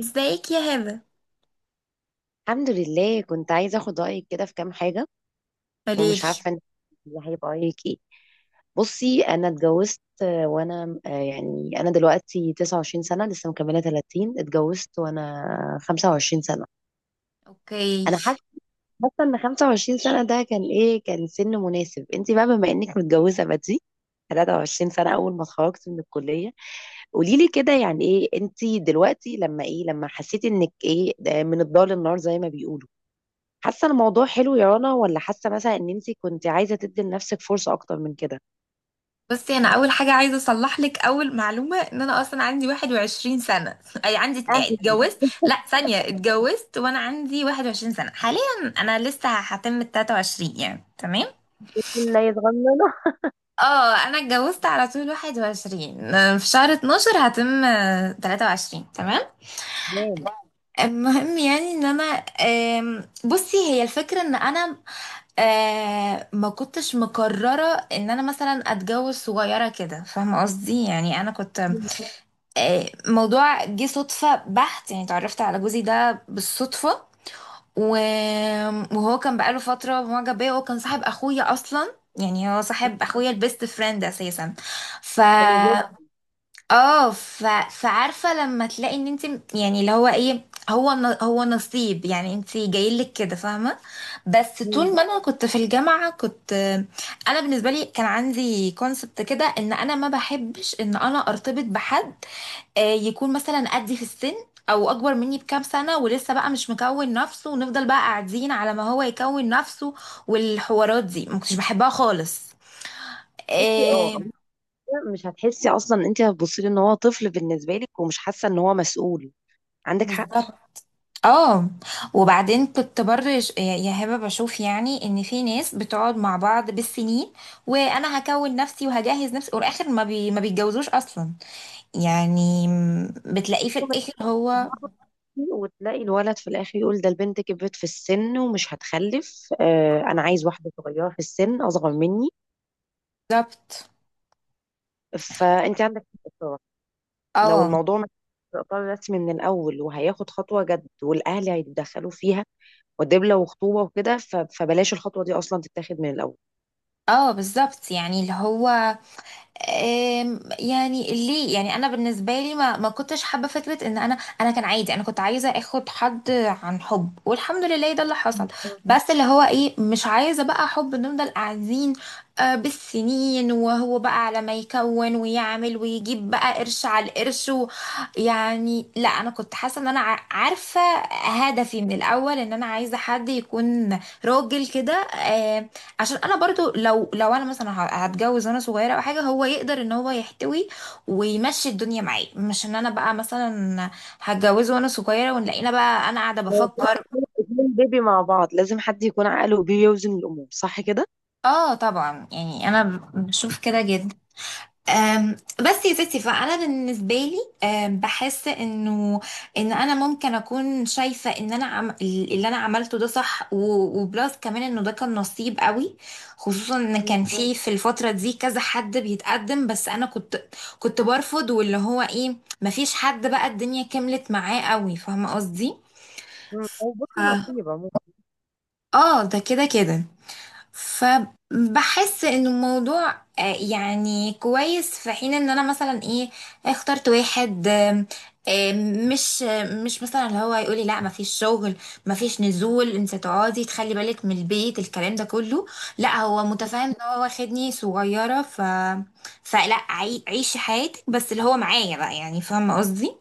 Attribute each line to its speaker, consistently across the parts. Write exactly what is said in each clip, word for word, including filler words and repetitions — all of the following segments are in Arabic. Speaker 1: ازيك يا هبه؟
Speaker 2: الحمد لله، كنت عايزة اخد رأيك كده في كام حاجة. ومش
Speaker 1: قوليلي.
Speaker 2: عارفة انت هيبقى رأيك ايه. بصي انا اتجوزت آه، وانا آه، يعني انا دلوقتي تسعة وعشرين سنة، لسه مكملة ثلاثين. اتجوزت وانا خمسة وعشرين سنة.
Speaker 1: اوكي.
Speaker 2: انا حاسة بس ان خمسة وعشرين سنة ده كان ايه، كان سن مناسب. انت بقى بما انك متجوزة بدري ثلاثة وعشرين سنة اول ما اتخرجت من الكلية. قولي لي كده، يعني ايه انت دلوقتي لما ايه، لما حسيتي انك ايه، ده من الضال للنار زي ما بيقولوا. حاسه ان الموضوع حلو يا رنا، ولا حاسه مثلا ان انت كنت عايزه تدي لنفسك فرصه اكتر من كده؟
Speaker 1: بصي، انا اول حاجه عايزه اصلح لك اول معلومه، ان انا اصلا عندي واحد وعشرين سنه اي عندي اتن-
Speaker 2: اه،
Speaker 1: اتجوزت، لا، ثانيه، اتجوزت وانا عندي واحد وعشرين سنه حاليا. انا لسه هتم ال تلاتة وعشرين، يعني تمام.
Speaker 2: بسم الله صغننه.
Speaker 1: اه، انا اتجوزت على طول واحد وعشرين في شهر اتناشر، هتم تلاتة وعشرين. تمام.
Speaker 2: تمام.
Speaker 1: المهم، يعني ان انا آم، بصي هي الفكرة ان انا آه، ما كنتش مقررة ان انا مثلا اتجوز صغيرة كده، فاهمة قصدي؟ يعني انا كنت
Speaker 2: مم.
Speaker 1: آه، موضوع جه صدفة بحت. يعني اتعرفت على جوزي ده بالصدفة و- وهو كان بقاله فترة معجب بيا، وهو كان صاحب اخويا اصلا. يعني هو صاحب اخويا البيست فريند اساسا. ف
Speaker 2: حلو جدا.
Speaker 1: اه ف... فعارفه لما تلاقي ان انت، يعني اللي هو ايه، هو ن- هو نصيب. يعني انت جايلك كده، فاهمه؟ بس
Speaker 2: مم.
Speaker 1: طول ما انا كنت في الجامعه كنت. انا بالنسبه لي كان عندي كونسبت كده ان انا ما بحبش ان انا ارتبط بحد آه، يكون مثلا قدي في السن، او اكبر مني بكام سنه ولسه بقى مش مكون نفسه، ونفضل بقى قاعدين على ما هو يكون نفسه. والحوارات دي ما كنتش بحبها خالص.
Speaker 2: بصي اه.
Speaker 1: آه،
Speaker 2: أنت مش هتحسي، اصلا انت هتبصي له ان هو طفل بالنسبه لك، ومش حاسه ان هو مسؤول. عندك حق.
Speaker 1: بالظبط. اه. وبعدين كنت برضه ش- يا يا هبه بشوف يعني ان في ناس بتقعد مع بعض بالسنين، وانا هكون نفسي وهجهز نفسي، والاخر ما بي ما بيتجوزوش اصلا. يعني م- بتلاقيه في
Speaker 2: طبعاً،
Speaker 1: الاخر هو.
Speaker 2: تضغطي وتلاقي الولد في الاخر يقول ده البنت كبرت في السن ومش هتخلف، آه انا عايز واحده صغيره في السن اصغر مني.
Speaker 1: بالظبط.
Speaker 2: فانت عندك حق. لو
Speaker 1: اه،
Speaker 2: الموضوع مش في اطار رسمي من الاول وهياخد خطوه جد والاهل هيتدخلوا فيها ودبله وخطوبه وكده، ف- فبلاش الخطوه دي اصلا تتاخد من الاول.
Speaker 1: اه، بالظبط. يعني اللي هو أم، يعني ليه، يعني انا بالنسبه لي ما ما كنتش حابه فكره ان انا انا كان عادي، انا كنت عايزه اخد حد عن حب، والحمد لله ده اللي حصل. بس اللي هو ايه، مش عايزه بقى حب نفضل قاعدين آه، بالسنين، وهو بقى على ما يكون ويعمل ويجيب بقى قرش على القرش. و- يعني لا، انا كنت حاسه ان انا ع- عارفه هدفي من الاول ان انا عايزه حد يكون راجل كده. عشان انا برضو لو لو انا مثلا ه- هتجوز وانا صغيره او حاجه، هو يقدر ان هو يحتوي ويمشي الدنيا معاه، مش ان انا بقى مثلا هتجوزه وانا صغيره ونلاقينا بقى انا قاعده
Speaker 2: لو
Speaker 1: بفكر.
Speaker 2: بيبي اتنين بيبي مع بعض، لازم حد يكون عاقله وبيوزن الامور، صح كده.
Speaker 1: اه، طبعا. يعني انا ب- بشوف كده جدا. أم، بس يا ستي، فانا بالنسبه لي أم، بحس انه ان انا ممكن اكون شايفه ان انا عم... اللي انا عملته ده صح و... وبلاس كمان انه ده كان نصيب قوي. خصوصا ان كان في في الفتره دي كذا حد بيتقدم، بس انا كنت كنت برفض. واللي هو ايه، مفيش حد بقى الدنيا كملت معاه قوي، فاهمه قصدي.
Speaker 2: مم.
Speaker 1: ف-
Speaker 2: أو بص، نصيبة ممكن.
Speaker 1: اه، ده كده كده. فبحس ان الموضوع آه، يعني كويس، في حين ان انا مثلا ايه اخترت واحد آم، آم، مش آم، مش مثلا اللي هو يقولي لا مفيش شغل، مفيش نزول، انت تقعدي تخلي بالك من البيت، الكلام ده كله. لا هو متفاهم ان هو واخدني صغيرة. ف فلا، عي- عيشي حياتك بس اللي هو معايا بقى، يعني فاهمة قصدي.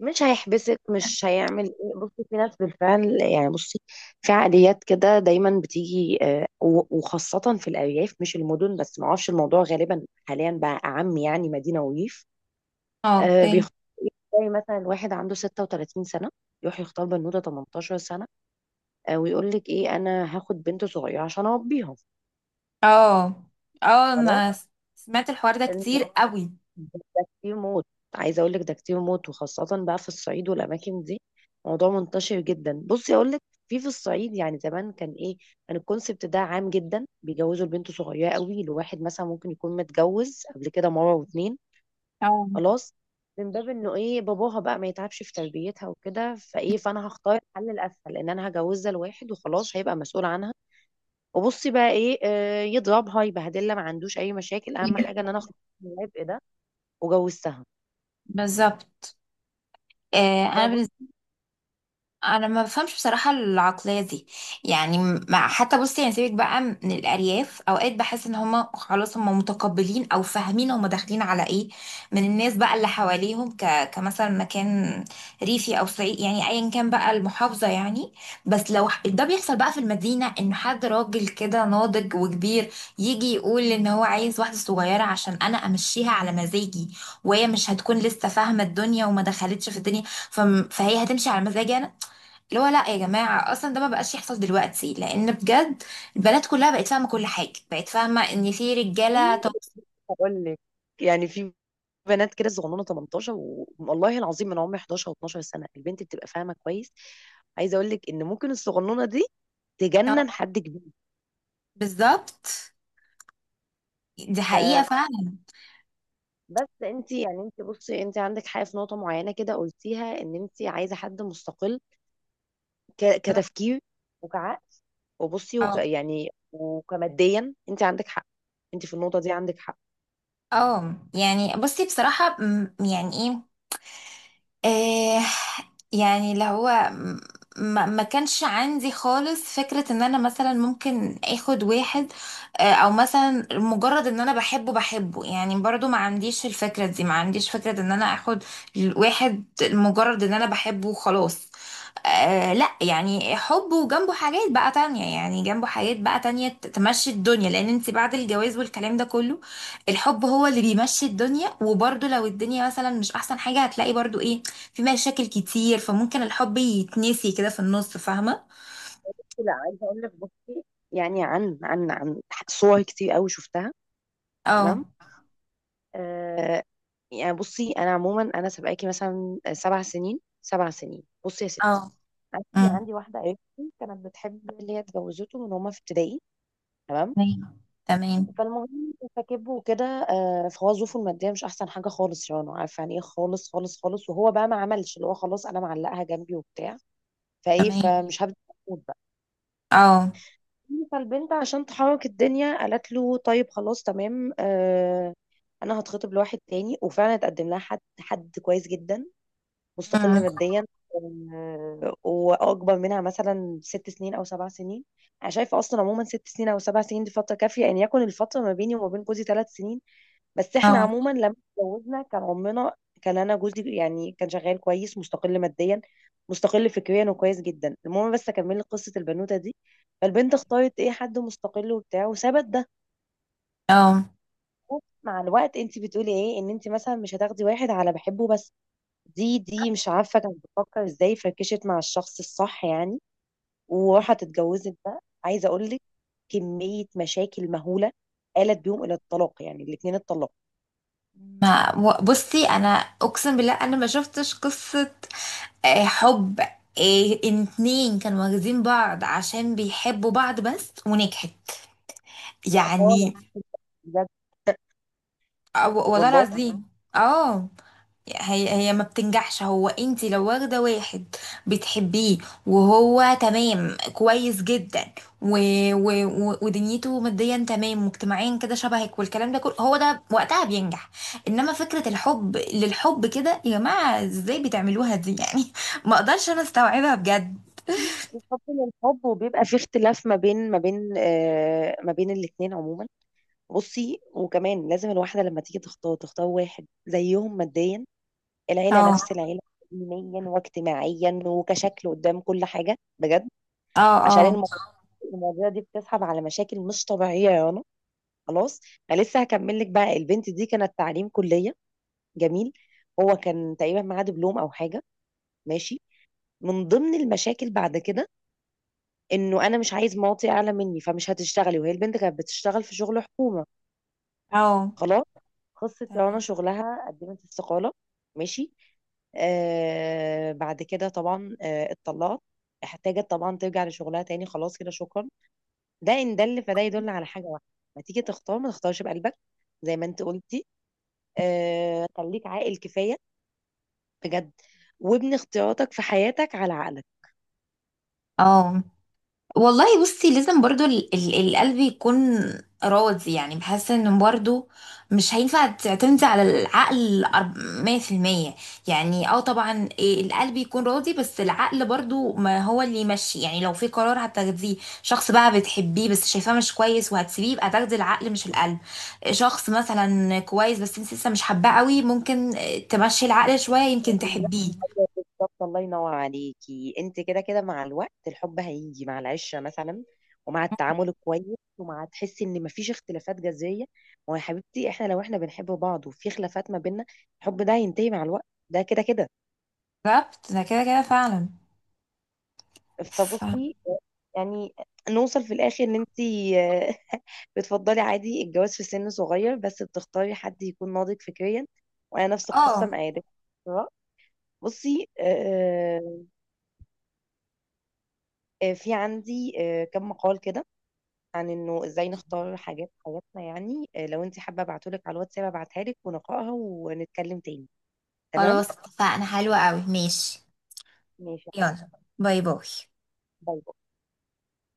Speaker 2: مش هيحبسك، مش هيعمل ايه. بصي، في ناس بالفعل يعني. بصي، في عقليات كده دايما بتيجي، آه، و- وخاصة في الأرياف مش المدن بس، معرفش الموضوع غالبا حاليا بقى أعم يعني مدينة وريف.
Speaker 1: اه،
Speaker 2: آه
Speaker 1: اوكي.
Speaker 2: بيخ... زي مثلا واحد عنده ست وثلاثين سنة يروح يختار بنوتة تمنتاشر سنة، آه، ويقول لك ايه، انا هاخد بنت صغيرة عشان اربيها.
Speaker 1: اه، اه،
Speaker 2: خلاص.
Speaker 1: انا سمعت الحوار ده
Speaker 2: الم-
Speaker 1: كتير قوي.
Speaker 2: ده كتير موت. عايزة اقول لك، ده كتير موت، وخاصة بقى في الصعيد والاماكن دي. موضوع منتشر جدا. بصي اقول لك، في في الصعيد يعني زمان كان ايه، كان الكونسبت ده عام جدا. بيجوزوا البنت صغيرة قوي لواحد، مثلا ممكن يكون متجوز قبل كده مرة واتنين.
Speaker 1: اه،
Speaker 2: خلاص، من باب انه ايه، باباها بقى ما يتعبش في تربيتها وكده، فايه، فانا هختار الحل الاسهل ان انا هجوزها لواحد وخلاص، هيبقى مسؤول عنها. وبصي بقى ايه، آه، يضربها يبهدلها ما عندوش اي مشاكل، اهم حاجه ان انا اخرج من العبء ده وجوزتها.
Speaker 1: بالظبط. آه، انا بالنسبه،
Speaker 2: فبصي
Speaker 1: انا ما بفهمش بصراحه العقليه دي. يعني مع حتى بصي، يعني سيبك بقى من الارياف، اوقات بحس ان هما خلاص هما متقبلين او فاهمين هما داخلين على ايه من الناس بقى اللي حواليهم، ك... كمثلا مكان ريفي او صعيد، يعني ايا كان بقى المحافظه يعني. بس لو ح- ده بيحصل بقى في المدينه، ان حد راجل كده ناضج وكبير يجي يقول ان هو عايز واحده صغيره عشان انا امشيها على مزاجي، وهي مش هتكون لسه فاهمه الدنيا وما دخلتش في الدنيا، فم- فهي هتمشي على مزاجي انا. اللي هو لا يا جماعة، أصلا ده ما بقاش يحصل دلوقتي، لأن بجد البنات كلها بقت فاهمة كل حاجة، بقت فاهمة إن في رجالة. طب.
Speaker 2: هقول لك، يعني في بنات كده صغنونه تمنتاشر، والله العظيم، من عمر حداشر و12 سنه البنت بتبقى فاهمه كويس. عايزه اقول لك ان ممكن الصغنونه دي تجنن حد كبير.
Speaker 1: بالظبط، دي
Speaker 2: ف
Speaker 1: حقيقة فعلا.
Speaker 2: بس انت يعني انت، بصي انت عندك حاجه في نقطه معينه كده قلتيها، ان انت عايزه حد مستقل، ك- كتفكير وكعقل، وبصي وك
Speaker 1: اه.
Speaker 2: يعني وكماديا. انت عندك حق. انت في النقطه دي عندك حق.
Speaker 1: آه. يعني بصي بصراحة م- يعني ايه، آه يعني اللي هو ما, ما كانش عندي خالص فكرة ان انا مثلا ممكن اخد واحد، آه او مثلا مجرد ان انا بحبه بحبه. يعني برضو ما عنديش الفكرة دي، ما عنديش فكرة ان انا اخد واحد مجرد ان انا بحبه وخلاص. آه لا، يعني حب وجنبه حاجات بقى تانية، يعني جنبه حاجات بقى تانية ت- تمشي الدنيا، لان انت بعد الجواز والكلام ده كله الحب هو اللي بيمشي الدنيا. وبرضو لو الدنيا مثلا مش احسن حاجة، هتلاقي برضو ايه، في مشاكل كتير، فممكن الحب يتنسي كده في النص، فاهمة؟
Speaker 2: لا، عايزه اقول لك بصي، يعني عن عن عن صور كتير قوي شفتها.
Speaker 1: اه،
Speaker 2: تمام. آه، يعني بصي انا عموما انا سابقاكي مثلا سبع سنين سبع سنين. بصي يا
Speaker 1: اه.
Speaker 2: ستي، عندي،
Speaker 1: امم.
Speaker 2: عندي واحده قريبتي كانت بتحب اللي هي اتجوزته من هما في ابتدائي. تمام.
Speaker 1: تمام، تمام،
Speaker 2: فالمهم، فكبه وكده، آه، فهو ظروفه الماديه مش احسن حاجه خالص، يعني عارفه يعني ايه، خالص خالص خالص. وهو بقى ما عملش اللي هو خلاص انا معلقها جنبي وبتاع، فايه،
Speaker 1: تمام.
Speaker 2: فمش هبدا اموت بقى.
Speaker 1: اه.
Speaker 2: فالبنت عشان تحرك الدنيا قالت له، طيب خلاص تمام، آه، انا هتخطب لواحد تاني. وفعلا اتقدم لها حد، حد كويس جدا، مستقل
Speaker 1: امم.
Speaker 2: ماديا، آه، واكبر منها مثلا ست سنين او سبع سنين. انا شايفه اصلا عموما ست سنين او سبع سنين دي فتره كافيه، ان يعني، يكون الفتره ما بيني وما بين جوزي ثلاث سنين. بس احنا
Speaker 1: اه،
Speaker 2: عموما لما اتجوزنا كان عمنا، كان انا جوزي يعني كان شغال كويس، مستقل ماديا، مستقل فكريا وكويس جدا. المهم، بس اكمل لك قصه البنوته دي. فالبنت اختارت ايه حد مستقل وبتاع، وثبت ده
Speaker 1: اه.
Speaker 2: مع الوقت انت بتقولي ايه، ان انت مثلا مش هتاخدي واحد على بحبه بس. دي دي مش عارفه كانت بتفكر ازاي، فركشت مع الشخص الصح يعني، وراحت اتجوزت ده. عايزه اقول لك، كميه مشاكل مهوله آلت بيهم الى الطلاق، يعني الاثنين اتطلقوا.
Speaker 1: ما و- بصي انا اقسم بالله انا ما شفتش قصة آه، حب، آه، إن اتنين كانوا واخدين بعض عشان بيحبوا بعض بس، ونجحت.
Speaker 2: لا خالص،
Speaker 1: يعني
Speaker 2: بجد،
Speaker 1: آه، والله
Speaker 2: والله.
Speaker 1: العظيم. اه. هي هي ما بتنجحش. هو انت لو واخده واحد بتحبيه، وهو تمام كويس جدا، و و و ودنيته ماديا تمام، واجتماعيا كده شبهك، والكلام ده كله، هو ده وقتها بينجح. انما فكره الحب للحب كده يا جماعه، ازاي بتعملوها دي يعني؟ ما اقدرش انا استوعبها بجد.
Speaker 2: الحب من الحب وبيبقى في اختلاف ما بين ما بين آه ما بين الاتنين عموما. بصي، وكمان لازم الواحدة لما تيجي تختار، تختار واحد زيهم ماديا، العيلة
Speaker 1: اه،
Speaker 2: نفس العيلة، دينيا واجتماعيا وكشكل قدام كل حاجة، بجد،
Speaker 1: اه،
Speaker 2: عشان
Speaker 1: اه،
Speaker 2: المواضيع المواضيع دي بتسحب على مشاكل مش طبيعية يا رنا. خلاص. انا لسه هكمل لك بقى. البنت دي كانت تعليم كلية جميل، هو كان تقريبا معاه دبلوم او حاجة، ماشي. من ضمن المشاكل بعد كده، انه انا مش عايز مواطي اعلى مني، فمش هتشتغلي، وهي البنت كانت بتشتغل في شغل حكومه.
Speaker 1: اه.
Speaker 2: خلاص، خلصت يا رنا
Speaker 1: تمام.
Speaker 2: شغلها، قدمت استقاله. ماشي. آه، بعد كده طبعا، آه، اتطلقت. احتاجت طبعا ترجع لشغلها تاني. خلاص كده شكرا. ده ان دل، فده يدل على حاجه واحده. ما تيجي تختار، ما تختارش بقلبك زي ما انت قلتي. آه، خليك عاقل كفايه، بجد، وابني اختياراتك في حياتك على عقلك.
Speaker 1: اه، والله بصي لازم برضو ال ال القلب يكون راضي. يعني بحس ان برضو مش هينفع تعتمدي على العقل أرب- مية في المية. يعني اه، طبعا إيه، القلب يكون راضي بس العقل برضو ما هو اللي يمشي. يعني لو في قرار هتاخديه، شخص بقى بتحبيه بس شايفاه مش كويس وهتسيبيه، يبقى تاخدي العقل مش القلب. شخص مثلا كويس بس انت لسه مش حباه قوي، ممكن تمشي العقل شوية، يمكن
Speaker 2: أيوة،
Speaker 1: تحبيه.
Speaker 2: بالظبط. الله ينور عليكي. انت كده كده مع الوقت الحب هيجي مع العشره مثلا، ومع التعامل الكويس، ومع تحسي ان مفيش اختلافات جذريه. ما هو يا حبيبتي، احنا لو احنا بنحب بعض وفي خلافات ما بيننا، الحب ده هينتهي مع الوقت، ده كده كده.
Speaker 1: بالظبط، ده كده كده فعلا. ف...
Speaker 2: فبصي، يعني نوصل في الاخر ان انت بتفضلي عادي الجواز في سن صغير، بس بتختاري حد يكون ناضج فكريا، وانا نفس القصه
Speaker 1: اه،
Speaker 2: معاك. بصي آه، آه، في عندي، آه، كم مقال كده عن انه ازاي نختار حاجات في حياتنا يعني. آه، لو انت حابه، ابعتهولك على الواتساب، ابعتها لك ونقراها ونتكلم تاني، تمام.
Speaker 1: خلاص اتفقنا. حلوة قوي، ماشي.
Speaker 2: ماشي يا حبيبي.
Speaker 1: يلا، باي باي.
Speaker 2: باي.